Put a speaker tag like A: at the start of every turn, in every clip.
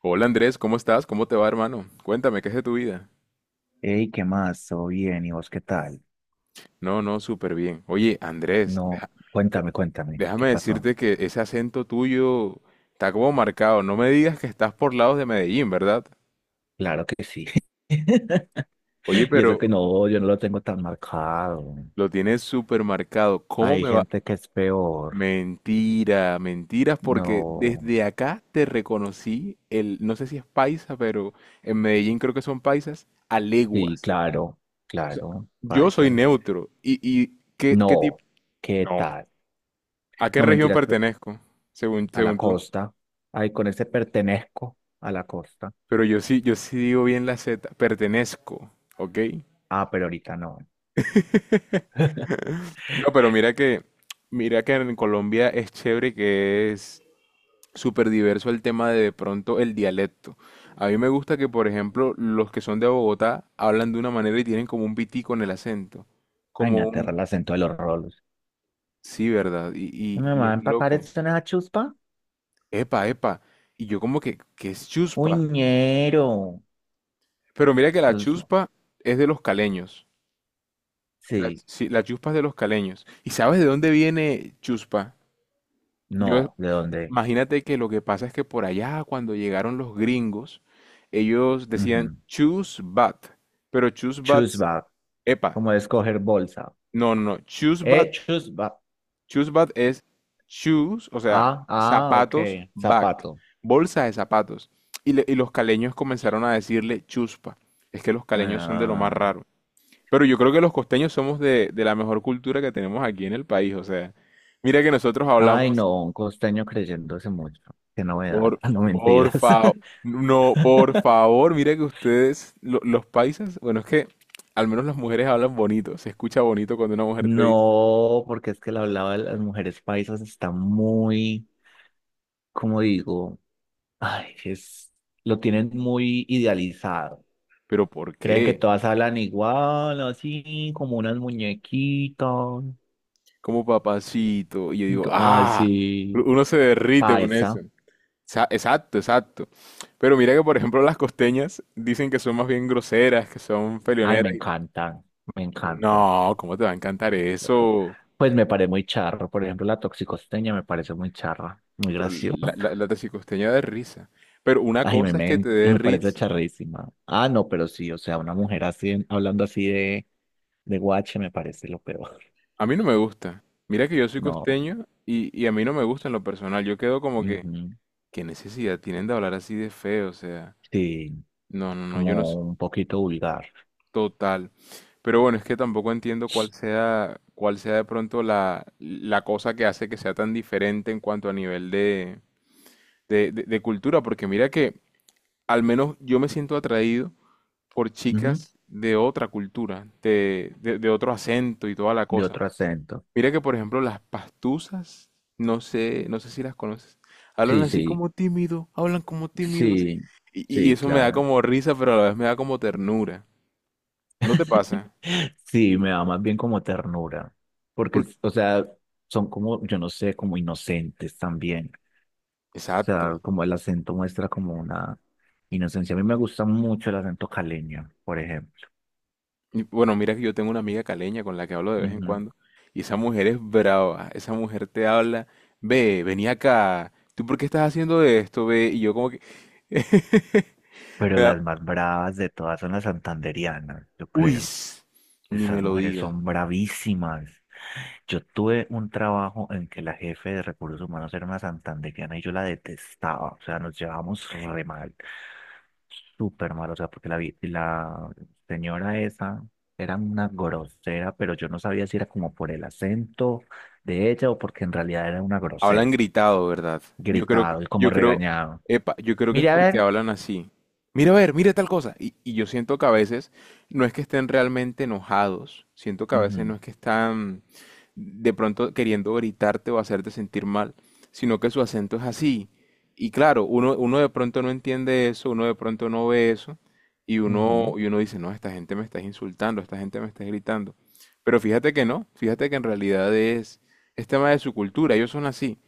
A: Hola Andrés, ¿cómo estás? ¿Cómo te va, hermano? Cuéntame, ¿qué es de tu vida?
B: Hey, ¿qué más? ¿Todo bien? ¿Y vos qué tal?
A: No, no, súper bien. Oye, Andrés,
B: No,
A: de-
B: cuéntame, ¿qué
A: déjame
B: pasó?
A: decirte que ese acento tuyo está como marcado. No me digas que estás por lados de Medellín, ¿verdad?
B: Claro que sí.
A: Oye,
B: Y eso
A: pero
B: que no, yo no lo tengo tan marcado.
A: lo tienes súper marcado. ¿Cómo
B: Hay
A: me va?
B: gente que es peor.
A: Mentira, mentiras, porque
B: No,
A: desde acá te reconocí el, no sé si es paisa, pero en Medellín creo que son paisas, a
B: sí,
A: leguas.
B: claro,
A: O sea,
B: claro,
A: yo soy
B: paisa.
A: neutro. ¿Y, y qué tipo?
B: No, ¿qué
A: No.
B: tal?
A: ¿A qué
B: No,
A: región
B: mentiras,
A: pertenezco? Según,
B: a la
A: según tú.
B: costa. Ay, con ese pertenezco a la costa.
A: Pero yo sí, yo sí digo bien la Z. Pertenezco, ¿ok?
B: Ah, pero ahorita no.
A: No, pero mira que en Colombia es chévere que es súper diverso el tema de pronto el dialecto. A mí me gusta que, por ejemplo, los que son de Bogotá hablan de una manera y tienen como un pitico en el acento.
B: Ay,
A: Como
B: me aterra
A: un...
B: el acento de los rolos.
A: Sí, ¿verdad? Y,
B: Mi
A: y, y
B: mamá,
A: es
B: empacar
A: loco.
B: esto en esa chuspa.
A: Epa, epa. Y yo como que, ¿qué es chuspa?
B: Uñero.
A: Pero mira que la
B: Los,
A: chuspa es de los caleños. Las,
B: sí,
A: sí, las chuspas de los caleños. ¿Y sabes de dónde viene chuspa? Yo,
B: no, ¿de dónde?
A: imagínate que lo que pasa es que por allá, cuando llegaron los gringos, ellos decían
B: Ujú.
A: chusbat, pero chusbat,
B: Choose bag,
A: epa,
B: como de escoger bolsa.
A: no, chusbat,
B: Choose bag.
A: chusbat es shoes, o sea,
B: Ah, ah, ok,
A: zapatos, bat,
B: zapato.
A: bolsa de zapatos. Y los caleños comenzaron a decirle chuspa. Es que los caleños son de lo más
B: Ah,
A: raro. Pero yo creo que los costeños somos de la mejor cultura que tenemos aquí en el país. O sea, mira que nosotros
B: ay,
A: hablamos,
B: no, un costeño creyéndose mucho. Qué novedad,
A: por,
B: no
A: por
B: mentiras.
A: favor, no, por favor, mira que ustedes, los paisas, bueno, es que al menos las mujeres hablan bonito, se escucha bonito cuando una mujer te dice,
B: No, porque es que la hablaba de las mujeres paisas está muy, como digo, ay, es, lo tienen muy idealizado.
A: pero ¿por
B: Creen que
A: qué?
B: todas hablan igual, así como unas muñequitas.
A: Como papacito. Y yo digo,
B: Ay,
A: ah,
B: sí,
A: uno se derrite con eso.
B: paisa.
A: Exacto, exacto. Pero mira que, por ejemplo, las costeñas dicen que son más bien groseras, que son
B: Ay, me
A: peleoneras.
B: encanta me encanta
A: No, ¿cómo te va a encantar eso?
B: Pues me parece muy charro. Por ejemplo, la toxicosteña me parece muy charra, muy
A: Pero la, la,
B: graciosa.
A: la taxicosteña da risa. Pero una
B: Ay, me,
A: cosa es que
B: me,
A: te dé
B: me parece
A: risa.
B: charrísima. Ah, no, pero sí, o sea, una mujer así, hablando así de guache me parece lo peor.
A: A mí no me gusta. Mira que yo soy
B: No,
A: costeño y a mí no me gusta en lo personal. Yo quedo como que,
B: ujú,
A: ¿qué necesidad tienen de hablar así de feo? O sea,
B: sí,
A: no, yo no
B: como
A: soy
B: un poquito vulgar,
A: total. Pero bueno, es que tampoco entiendo cuál sea de pronto la cosa que hace que sea tan diferente en cuanto a nivel de cultura. Porque mira que al menos yo me siento atraído por
B: ujú,
A: chicas de otra cultura, de otro acento y toda la
B: de
A: cosa.
B: otro acento.
A: Mira que, por ejemplo, las pastusas, no sé, no sé si las conoces, hablan
B: Sí,
A: así
B: sí,
A: como tímido, hablan como tímido, así.
B: sí,
A: Y
B: sí,
A: eso me da
B: claro.
A: como risa, pero a la vez me da como ternura. ¿No te pasa?
B: Sí, me da más bien como ternura, porque,
A: Porque,
B: o sea, son como, yo no sé, como inocentes también. O
A: exacto.
B: sea, como el acento muestra como una inocencia. A mí me gusta mucho el acento caleño, por ejemplo.
A: Y, bueno, mira que yo tengo una amiga caleña con la que hablo de vez en
B: Ujú.
A: cuando, y esa mujer es brava, esa mujer te habla, ve, vení acá, ¿tú por qué estás haciendo esto, ve? Y yo como que...
B: Pero
A: Me da,
B: las más bravas de todas son las santandereanas, yo
A: uy,
B: creo.
A: ni
B: Esas
A: me lo
B: mujeres
A: digas.
B: son bravísimas. Yo tuve un trabajo en que la jefe de recursos humanos era una santandereana y yo la detestaba. O sea, nos llevábamos re mal. Súper mal. O sea, porque la señora esa era una grosera, pero yo no sabía si era como por el acento de ella o porque en realidad era una
A: Hablan
B: grosera.
A: gritado, ¿verdad? Yo creo, que-
B: Gritado y como
A: yo creo,
B: regañado.
A: epa, yo creo que es
B: Mire, a
A: porque
B: ver.
A: hablan así. Mira, a ver, mira tal cosa. Y yo siento que a veces no es que estén realmente enojados, siento que a veces no
B: Ujú,
A: es que están de pronto queriendo gritarte o hacerte sentir mal, sino que su acento es así. Y claro, uno de pronto no entiende eso, uno de pronto no ve eso,
B: ujú,
A: y uno dice, no, esta gente me está insultando, esta gente me está gritando. Pero fíjate que no, fíjate que en realidad es tema de su cultura, ellos son así.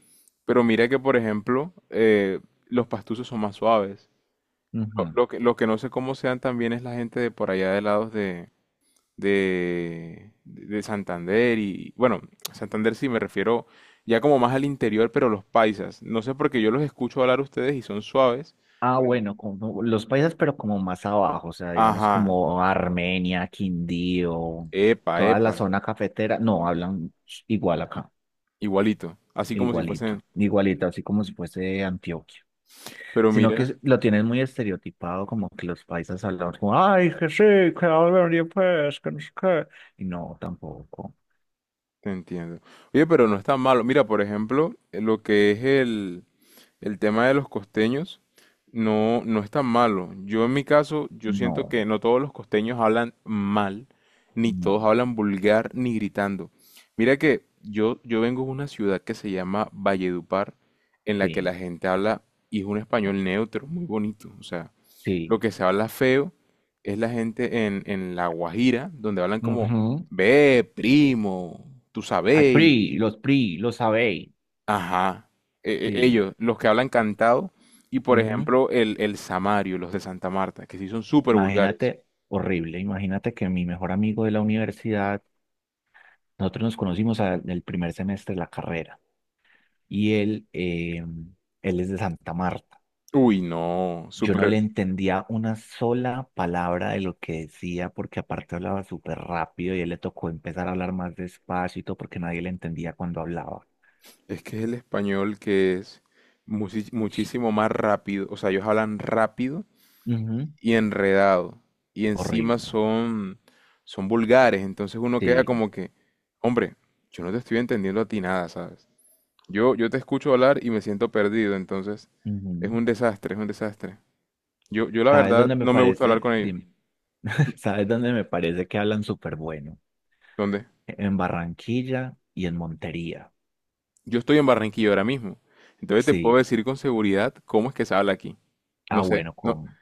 A: Pero mira que, por ejemplo, los pastusos son más suaves.
B: ujú.
A: Lo que no sé cómo sean también es la gente de por allá de lados de Santander y, bueno, Santander sí me refiero ya como más al interior, pero los paisas. No sé porque yo los escucho hablar a ustedes y son suaves.
B: Ah,
A: Pero-
B: bueno, como los países, pero como más abajo, o sea, digamos
A: Ajá,
B: como Armenia, Quindío,
A: epa,
B: toda la
A: epa,
B: zona cafetera, no, hablan igual acá,
A: igualito, así como si fuesen.
B: igualito, igualito, así como si fuese Antioquia,
A: Pero
B: sino
A: mira,
B: que lo tienen muy estereotipado, como que los paisas hablan como, ay, que sí, que hablan y pues, que no sé qué". Y no, tampoco,
A: te entiendo. Oye, pero no es tan malo. Mira, por ejemplo, lo que es el tema de los costeños no, no es tan malo. Yo en mi caso, yo siento
B: no,
A: que no todos los costeños hablan mal, ni
B: no,
A: todos hablan vulgar, ni gritando. Mira que yo vengo de una ciudad que se llama Valledupar, en la que
B: sí,
A: la gente habla y es un español neutro, muy bonito. O sea, lo
B: sí,
A: que se habla feo es la gente en La Guajira, donde hablan como,
B: ujú.
A: ve, primo, tú
B: Ay,
A: sabes,
B: PRI, los PRI, los sabéis,
A: ajá,
B: sí,
A: ellos, los que hablan cantado, y por ejemplo el samario, los de Santa Marta, que sí son súper vulgares.
B: imagínate, horrible, imagínate que mi mejor amigo de la universidad, nosotros nos conocimos en el primer semestre de la carrera y él, él es de Santa Marta.
A: Uy, no,
B: Yo no
A: súper...
B: le entendía una sola palabra de lo que decía porque aparte hablaba súper rápido y él le tocó empezar a hablar más despacio y todo porque nadie le entendía cuando hablaba.
A: Es que es el español que es muchísimo más rápido, o sea, ellos hablan rápido
B: Ujú,
A: y enredado, y encima
B: horrible,
A: son, son vulgares, entonces uno queda
B: sí.
A: como que, hombre, yo no te estoy entendiendo a ti nada, ¿sabes? Yo te escucho hablar y me siento perdido, entonces es
B: Ujú.
A: un desastre, es un desastre. Yo la
B: ¿Sabes
A: verdad
B: dónde me
A: no me gusta hablar
B: parece?
A: con ellos.
B: Dime, ¿sabes dónde me parece que hablan súper bueno?
A: ¿Dónde?
B: En Barranquilla y en Montería.
A: Yo estoy en Barranquilla ahora mismo. Entonces te puedo
B: Sí,
A: decir con seguridad cómo es que se habla aquí.
B: ah,
A: No sé,
B: bueno,
A: no,
B: con,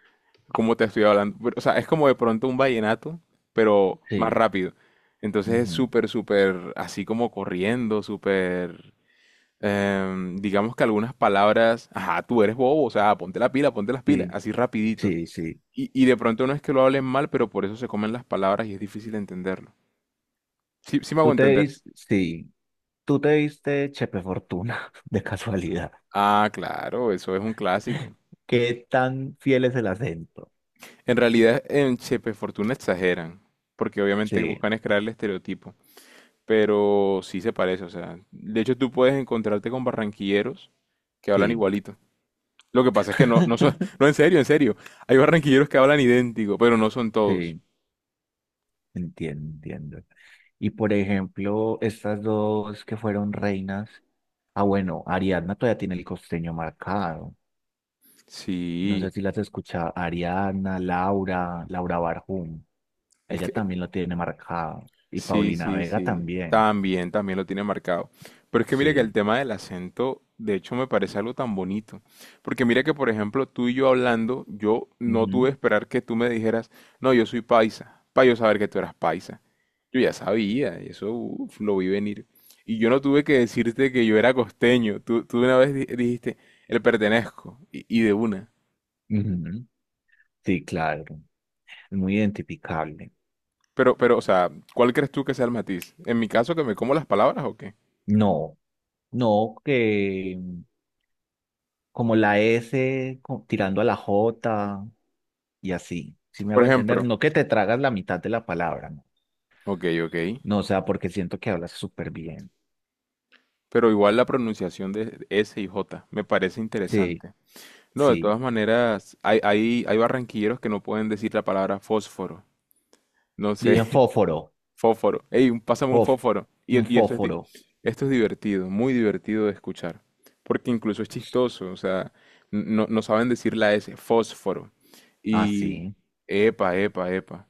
A: cómo te estoy hablando, pero, o sea, es como de pronto un vallenato, pero más
B: sí,
A: rápido. Entonces es
B: ujú,
A: súper, súper así como corriendo, súper... digamos que algunas palabras, ajá, tú eres bobo, o sea, ponte la pila, ponte las pilas,
B: Sí,
A: así rapidito.
B: sí.
A: Y de pronto no es que lo hablen mal, pero por eso se comen las palabras y es difícil entenderlo. Sí, sí me hago
B: Tú te
A: entender.
B: diste, sí, tú te diste Chepe Fortuna, de casualidad.
A: Ah, claro, eso es un clásico.
B: ¿Qué tan fiel es el acento?
A: En realidad, en Chepe Fortuna exageran, porque obviamente
B: Sí,
A: buscan es crear el estereotipo, pero sí se parece, o sea, de hecho tú puedes encontrarte con barranquilleros que hablan
B: sí,
A: igualito. Lo que pasa es que no, no son, no, en serio, hay barranquilleros que hablan idéntico, pero no son todos.
B: sí, entiendo. Y por ejemplo, estas dos que fueron reinas, ah, bueno, Ariadna todavía tiene el costeño marcado. No sé
A: Sí,
B: si las escucha Ariadna, Laura Barjum,
A: es
B: ella
A: que
B: también lo tiene marcado. Y
A: sí,
B: Paulina
A: sí,
B: Vega
A: sí.
B: también.
A: También, también lo tiene marcado. Pero es que mire que
B: Sí.
A: el tema del acento, de hecho, me parece algo tan bonito. Porque mira que, por ejemplo, tú y yo hablando, yo no
B: Ujú,
A: tuve que esperar que tú me dijeras, no, yo soy paisa, para yo saber que tú eras paisa. Yo ya sabía, y eso uf, lo vi venir. Y yo no tuve que decirte que yo era costeño. Tú, dijiste, el pertenezco, y de una.
B: ujú, sí, claro. Es muy identificable.
A: Pero, o sea, ¿cuál crees tú que sea el matiz? ¿En mi caso que me como las palabras o qué?
B: No, no, que como la tirando a la J y así. Si me
A: Por
B: hago entender,
A: ejemplo,
B: no que te tragas la mitad de la palabra, no,
A: ok, ok.
B: no, o sea, porque siento que hablas súper bien.
A: Pero igual la pronunciación de S y J me parece
B: Sí,
A: interesante. No, de
B: sí.
A: todas maneras, hay barranquilleros que no pueden decir la palabra fósforo. No
B: Dicen
A: sé,
B: fósforo,
A: fósforo. Ey, pásame un
B: fof-
A: fósforo.
B: un
A: Y esto es,
B: fósforo,
A: esto es divertido, muy divertido de escuchar. Porque incluso es chistoso, o sea, no saben decir la S, fósforo. Y
B: así.
A: epa, epa, epa.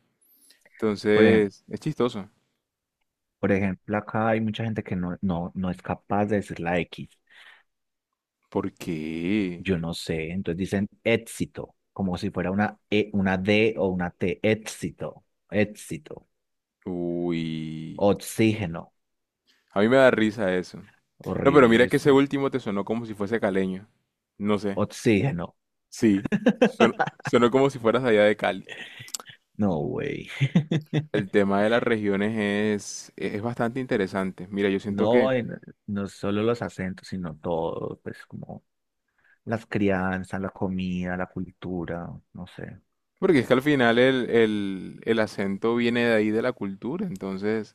B: Por ejemplo,
A: Entonces, es chistoso.
B: por ejemplo, acá hay mucha gente que no es capaz de decir la X.
A: ¿Por qué?
B: Yo no sé, entonces dicen éxito, como si fuera una E, una D o una T, éxito,
A: Uy.
B: oxígeno,
A: A mí me da risa eso. No, pero
B: horrible
A: mira que
B: eso,
A: ese último te sonó como si fuese caleño. No sé.
B: oxígeno,
A: Sí. Sonó, como si fueras allá de Cali.
B: no, güey,
A: El tema de las regiones es bastante interesante. Mira, yo siento que...
B: no, no solo los acentos, sino todo, pues como las crianzas, la comida, la cultura, no sé,
A: Porque es que al final el acento viene de ahí de la cultura. Entonces,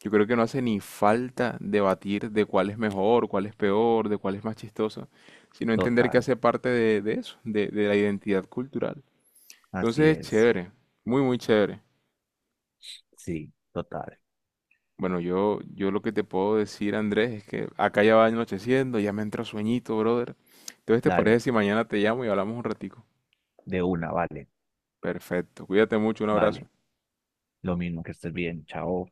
A: yo creo que no hace ni falta debatir de cuál es mejor, cuál es peor, de cuál es más chistoso. Sino entender que
B: total,
A: hace parte de eso, de la identidad cultural. Entonces
B: así
A: es
B: es,
A: chévere. Muy, muy chévere.
B: sí, total,
A: Bueno, yo lo que te puedo decir, Andrés, es que acá ya va anocheciendo, ya me entra sueñito, brother. Entonces, ¿te parece
B: dale,
A: si mañana te llamo y hablamos un ratico?
B: de una, vale,
A: Perfecto, cuídate mucho, un abrazo.
B: vale, lo mismo que estés bien, chao.